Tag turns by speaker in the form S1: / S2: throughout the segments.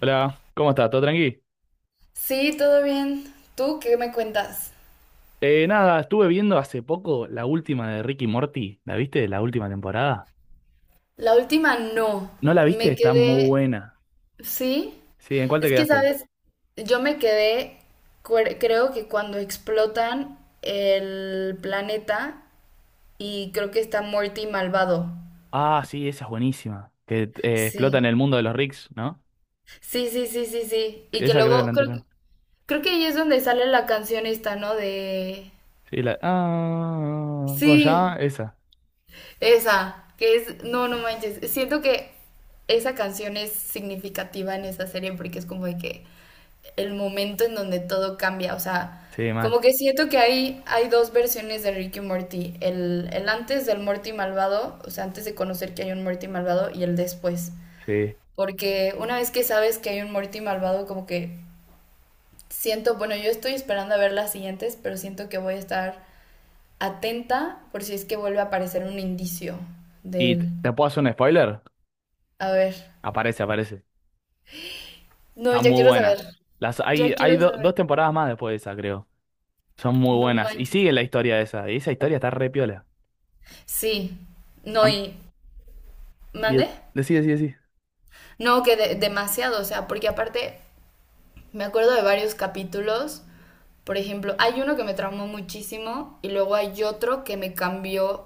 S1: Hola, ¿cómo estás? ¿Todo tranqui?
S2: Sí, todo bien. ¿Tú qué me cuentas?
S1: Nada, estuve viendo hace poco la última de Ricky Morty. ¿La viste? La última temporada.
S2: La última no.
S1: ¿No la viste?
S2: Me
S1: Está muy
S2: quedé...
S1: buena.
S2: Sí.
S1: Sí, ¿en cuál te
S2: Es que,
S1: quedaste?
S2: ¿sabes? Yo me quedé, creo que cuando explotan el planeta y creo que está Morty malvado.
S1: Ah, sí, esa es buenísima. Que explota en
S2: Sí.
S1: el mundo de los Ricks, ¿no?
S2: Sí, sí, sí, sí, sí. Y que
S1: Esa creo que es la
S2: luego, creo,
S1: anterior.
S2: creo que ahí es donde sale la canción esta, ¿no? De...
S1: Sí, la. Ah, ¿cómo se llama?
S2: Sí.
S1: Esa.
S2: Esa, que es, no, no manches, siento que esa canción es significativa en esa serie porque es como de que el momento en donde todo cambia, o sea,
S1: Sí, mal.
S2: como que siento que hay dos versiones de Rick y Morty, el antes del Morty malvado, o sea, antes de conocer que hay un Morty malvado y el después,
S1: Sí.
S2: porque una vez que sabes que hay un Morty malvado, como que siento, bueno, yo estoy esperando a ver las siguientes, pero siento que voy a estar atenta por si es que vuelve a aparecer un indicio de
S1: ¿Y
S2: él.
S1: te puedo hacer un spoiler?
S2: A ver.
S1: Aparece, aparece.
S2: No,
S1: Está
S2: ya
S1: muy
S2: quiero saber.
S1: buena. Las,
S2: Ya
S1: hay
S2: quiero
S1: dos
S2: saber.
S1: temporadas más después de esa, creo. Son muy
S2: No
S1: buenas. Y
S2: manches.
S1: sigue la historia de esa. Y esa historia está re piola.
S2: Sí. No, y... ¿Mande?
S1: Decí, decí, decí.
S2: No, que demasiado, o sea, porque aparte me acuerdo de varios capítulos. Por ejemplo, hay uno que me traumó muchísimo y luego hay otro que me cambió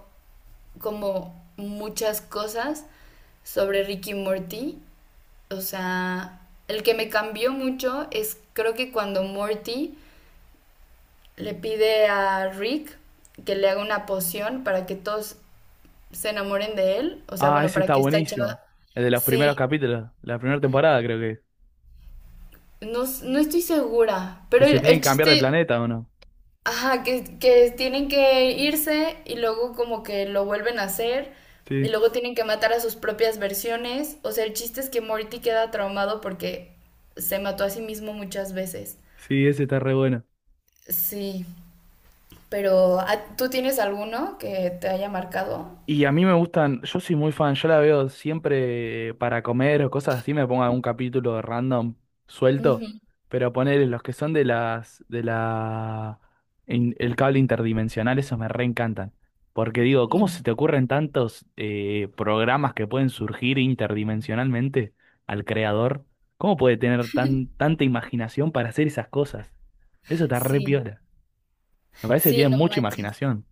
S2: como muchas cosas sobre Ricky Morty. O sea, el que me cambió mucho es creo que cuando Morty le pide a Rick que le haga una poción para que todos se enamoren de él. O sea,
S1: Ah,
S2: bueno,
S1: ese
S2: para
S1: está
S2: que esta chava.
S1: buenísimo. El de los primeros
S2: Sí,
S1: capítulos, la primera temporada creo que.
S2: no, no estoy segura.
S1: Que
S2: Pero
S1: se tienen
S2: el
S1: que cambiar de
S2: chiste,
S1: planeta, ¿o no?
S2: ajá, que tienen que irse y luego como que lo vuelven a hacer. Y
S1: Sí,
S2: luego tienen que matar a sus propias versiones. O sea, el chiste es que Morty queda traumado porque se mató a sí mismo muchas veces.
S1: sí, ese está re bueno.
S2: Sí, pero ¿tú tienes alguno que te haya marcado?
S1: Y a mí me gustan, yo soy muy fan, yo la veo siempre para comer o cosas así, me pongo algún capítulo random suelto,
S2: Ujú,
S1: pero poner los que son de las, de la, el cable interdimensional, esos me reencantan. Porque digo, ¿cómo
S2: ujú.
S1: se te ocurren tantos programas que pueden surgir interdimensionalmente al creador? ¿Cómo puede tener tan, tanta imaginación para hacer esas cosas? Eso está re
S2: Sí,
S1: piola. Me parece que
S2: sí,
S1: tienen
S2: no
S1: mucha
S2: manches.
S1: imaginación.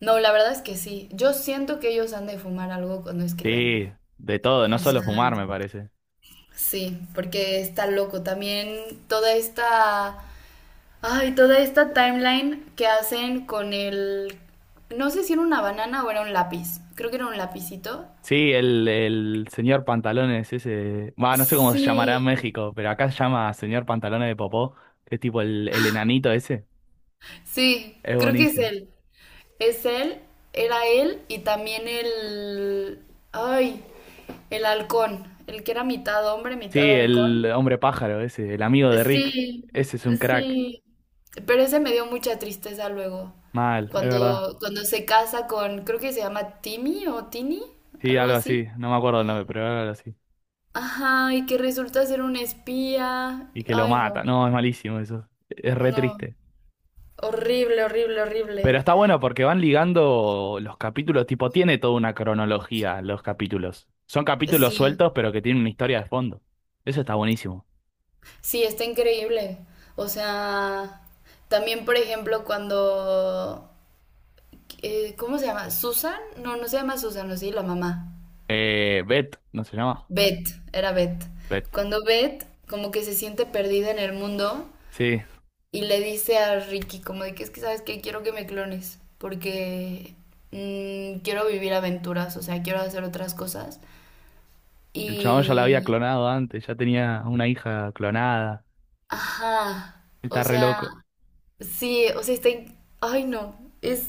S2: No, la verdad es que sí. Yo siento que ellos han de fumar algo cuando
S1: Sí,
S2: escriben.
S1: de todo,
S2: O
S1: no
S2: sea,
S1: solo fumar, me parece.
S2: sí, porque está loco. También toda esta, ay, toda esta timeline que hacen con el, no sé si era una banana o era un lápiz. Creo que era un lapicito.
S1: Sí, el señor Pantalones, ese. Va, no sé cómo se llamará en
S2: Sí,
S1: México, pero acá se llama señor Pantalones de Popó, que es tipo el enanito ese.
S2: sí,
S1: Es
S2: creo que es
S1: buenísimo.
S2: él. Es él, era él y también el, ay, el halcón, el que era mitad hombre, mitad
S1: Sí, el
S2: halcón.
S1: hombre pájaro ese, el amigo de Rick.
S2: Sí,
S1: Ese es un crack.
S2: sí, pero ese me dio mucha tristeza luego,
S1: Mal, es verdad.
S2: cuando, cuando se casa con, creo que se llama Timmy o Tini,
S1: Sí,
S2: algo
S1: algo
S2: así.
S1: así. No me acuerdo el nombre, pero era algo así.
S2: Ajá, y que resulta ser un espía.
S1: Y que lo
S2: Ay,
S1: mata.
S2: no,
S1: No, es malísimo eso. Es re
S2: no,
S1: triste.
S2: horrible, horrible,
S1: Pero
S2: horrible.
S1: está bueno porque van ligando los capítulos, tipo, tiene toda una cronología los capítulos. Son capítulos
S2: Sí,
S1: sueltos, pero que tienen una historia de fondo. Eso está buenísimo.
S2: sí, está increíble. O sea, también, por ejemplo, cuando, ¿cómo se llama? ¿Susan? No, no se llama Susan, ¿o sí? La mamá.
S1: Beth, ¿no se llama?
S2: Beth, era Beth.
S1: Beth.
S2: Cuando Beth como que se siente perdida en el mundo
S1: Sí,
S2: y le dice a Ricky como de que es que sabes que quiero que me clones porque quiero vivir aventuras, o sea, quiero hacer otras cosas.
S1: el chabón ya la había
S2: Y...
S1: clonado antes, ya tenía una hija clonada.
S2: Ajá, o
S1: Está re
S2: sea,
S1: loco.
S2: sí, o sea, está... Ay, no, es,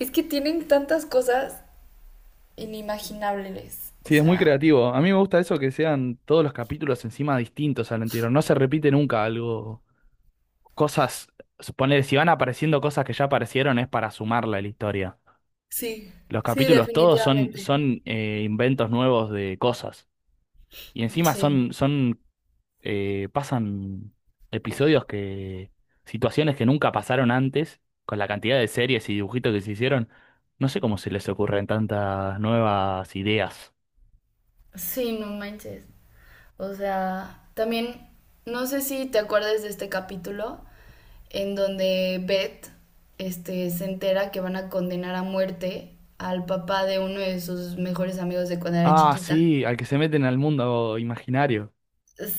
S2: es que tienen tantas cosas inimaginables, o
S1: Sí, es muy
S2: sea...
S1: creativo. A mí me gusta eso que sean todos los capítulos encima distintos al anterior. No se repite nunca algo. Cosas, suponer, si van apareciendo cosas que ya aparecieron es para sumarla a la historia.
S2: Sí,
S1: Los
S2: sí,
S1: capítulos todos son,
S2: definitivamente.
S1: son inventos nuevos de cosas. Y encima
S2: Sí,
S1: son, son pasan episodios que, situaciones que nunca pasaron antes, con la cantidad de series y dibujitos que se hicieron. No sé cómo se les ocurren tantas nuevas ideas.
S2: sí, no manches. O sea, también no sé si te acuerdas de este capítulo en donde Beth este, se entera que van a condenar a muerte al papá de uno de sus mejores amigos de cuando era
S1: Ah,
S2: chiquita.
S1: sí, al que se meten al mundo imaginario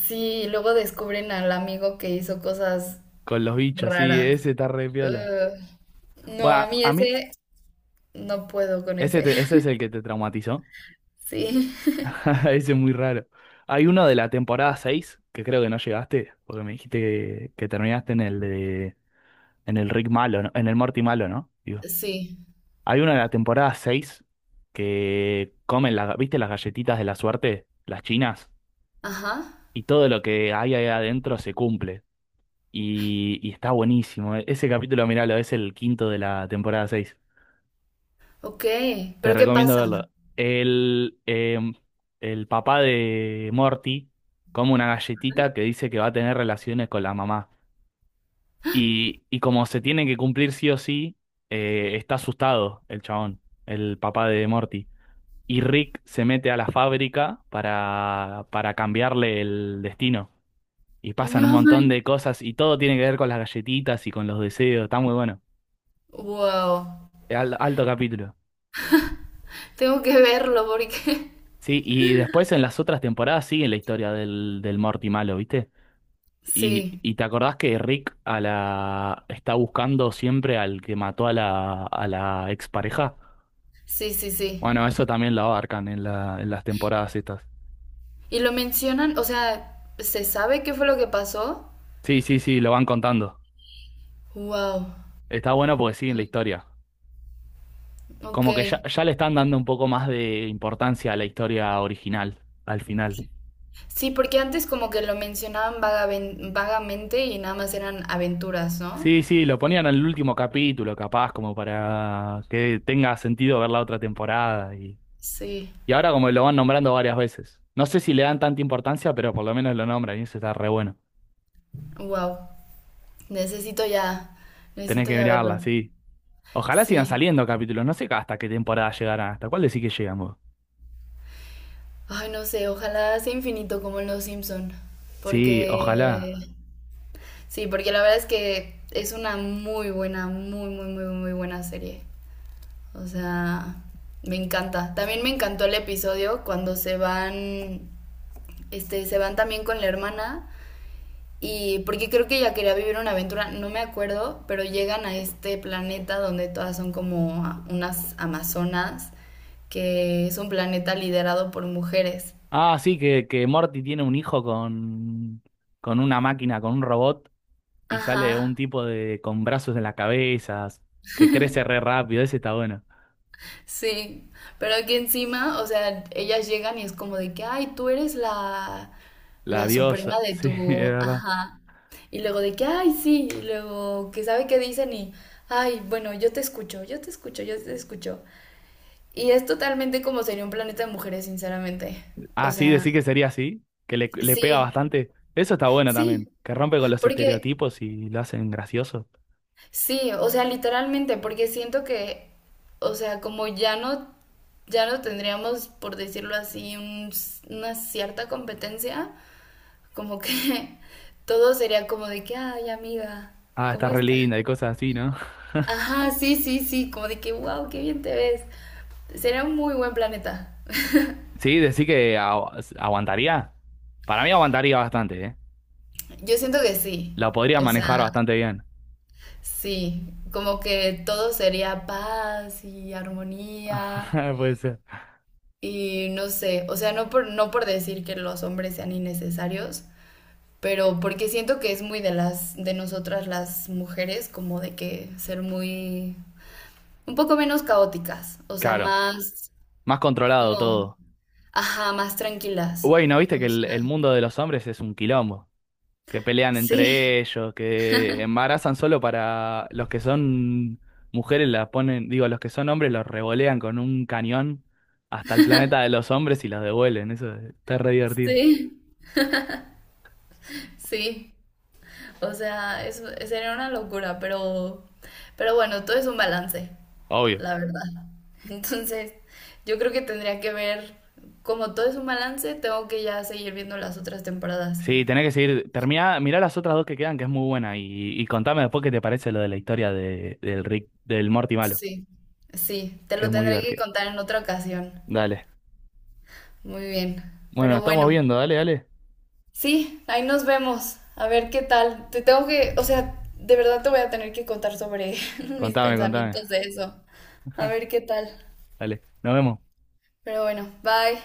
S2: Sí, luego descubren al amigo que hizo cosas
S1: con los bichos, sí,
S2: raras.
S1: ese está re piola.
S2: Ugh.
S1: Bueno,
S2: No, a mí
S1: a mí,
S2: ese no puedo con
S1: ese,
S2: ese.
S1: ese es el que te traumatizó.
S2: Sí,
S1: Ese es muy raro. Hay uno de la temporada 6 que creo que no llegaste, porque me dijiste que terminaste en el de, en el Rick malo, ¿no? En el Morty malo, ¿no?
S2: sí.
S1: Hay una de la temporada 6 que comen, la, ¿viste las galletitas de la suerte? Las chinas.
S2: Ajá.
S1: Y todo lo que hay ahí adentro se cumple. Y está buenísimo. Ese capítulo, miralo, es el quinto de la temporada 6.
S2: Ok.
S1: Te
S2: ¿Pero qué
S1: recomiendo
S2: pasa?
S1: verlo. El, el papá de Morty come una galletita que dice que va a tener relaciones con la mamá. Y como se tiene que cumplir sí o sí, está asustado el chabón, el papá de Morty. Y Rick se mete a la fábrica para cambiarle el destino. Y pasan un
S2: No,
S1: montón
S2: man.
S1: de cosas y todo tiene que ver con las galletitas y con los deseos. Está muy bueno.
S2: Wow.
S1: Alto capítulo.
S2: Tengo que verlo porque
S1: Sí, y después en las otras temporadas sigue la historia del, del Morty malo, ¿viste?
S2: Sí,
S1: Y te acordás que Rick a la, está buscando siempre al que mató a la expareja.
S2: sí, sí, sí.
S1: Bueno, eso también lo abarcan en la, en las temporadas estas.
S2: Y lo mencionan, o sea, ¿se sabe qué fue lo que pasó?
S1: Sí, sí, sí, lo van contando.
S2: Wow,
S1: Está bueno porque siguen la historia.
S2: ok.
S1: Como que ya, ya le están dando un poco más de importancia a la historia original, al final.
S2: Sí, porque antes como que lo mencionaban vagamente y nada más eran aventuras, ¿no?
S1: Sí, sí, lo ponían en el último capítulo, capaz, como para que tenga sentido ver la otra temporada.
S2: Sí,
S1: Y ahora como lo van nombrando varias veces. No sé si le dan tanta importancia, pero por lo menos lo nombran y eso está re bueno.
S2: wow. Necesito ya,
S1: Tenés
S2: necesito
S1: que
S2: ya verlo.
S1: mirarla, sí. Ojalá sigan
S2: Sí.
S1: saliendo capítulos, no sé hasta qué temporada llegarán, hasta cuál decís que llegamos.
S2: Ay, no sé, ojalá sea infinito como en Los Simpson,
S1: Sí, ojalá.
S2: porque sí, porque la verdad es que es una muy buena, muy, muy, muy, muy buena serie. O sea, me encanta. También me encantó el episodio cuando se van, este, se van también con la hermana. Y porque creo que ella quería vivir una aventura, no me acuerdo, pero llegan a este planeta donde todas son como unas amazonas, que es un planeta liderado por mujeres.
S1: Ah, sí, que Morty tiene un hijo con una máquina, con un robot y sale un
S2: Ajá.
S1: tipo de con brazos en las cabezas, que crece re rápido, ese está bueno.
S2: Sí, pero aquí encima, o sea, ellas llegan y es como de que, ay, tú eres la,
S1: La
S2: la
S1: diosa,
S2: suprema de
S1: sí, es
S2: tu,
S1: verdad.
S2: ajá. Y luego de que, ay, sí, y luego que sabe qué dicen y, ay, bueno, yo te escucho, yo te escucho, yo te escucho. Y es totalmente como sería un planeta de mujeres, sinceramente. O
S1: Ah, sí,
S2: sea,
S1: decir que sería así, que le pega
S2: sí,
S1: bastante. Eso está bueno
S2: sí,
S1: también, que rompe con los
S2: porque
S1: estereotipos y lo hacen gracioso.
S2: sí, o sea, literalmente, porque siento que, o sea, como ya no, ya no tendríamos, por decirlo así, una cierta competencia, como que todo sería como de que, ay, amiga,
S1: Ah, está
S2: ¿cómo
S1: re
S2: estás?
S1: linda y cosas así, ¿no?
S2: Ajá, sí, sí, sí, como de que, wow, qué bien te ves. Sería un muy buen planeta.
S1: Sí, decir que aguantaría. Para mí aguantaría bastante, ¿eh?
S2: Yo siento que sí,
S1: La podría
S2: o sea,
S1: manejar bastante bien.
S2: sí, como que todo sería paz y armonía.
S1: Puede ser.
S2: Y no sé, o sea, no por, no por decir que los hombres sean innecesarios, pero porque siento que es muy de las, de nosotras las mujeres, como de que ser muy, un poco menos caóticas, o sea,
S1: Claro,
S2: más,
S1: más controlado
S2: como,
S1: todo.
S2: ajá, más tranquilas.
S1: Güey, ¿no viste
S2: O
S1: que
S2: sea,
S1: el mundo de los hombres es un quilombo? Que pelean entre
S2: sí,
S1: ellos, que embarazan solo para los que son mujeres las ponen, digo, los que son hombres los revolean con un cañón hasta el planeta de los hombres y los devuelven. Eso está re divertido.
S2: sí, sí. O sea, es, sería una locura, pero bueno, todo es un balance.
S1: Obvio.
S2: La verdad. Entonces, yo creo que tendría que ver, como todo es un balance, tengo que ya seguir viendo las otras temporadas.
S1: Sí, tenés que seguir. Termina, mirá las otras dos que quedan, que es muy buena. Y contame después qué te parece lo de la historia de, del Rick, del Morty malo,
S2: Sí. Sí, te
S1: que
S2: lo
S1: es muy
S2: tendré que
S1: divertida.
S2: contar en otra ocasión.
S1: Dale.
S2: Muy bien.
S1: Bueno,
S2: Pero
S1: estamos
S2: bueno,
S1: viendo, dale, dale.
S2: sí, ahí nos vemos. A ver qué tal. Te tengo que, o sea, de verdad te voy a tener que contar sobre mis
S1: Contame, contame.
S2: pensamientos de eso. A ver qué tal.
S1: Dale. Nos vemos.
S2: Pero bueno, bye.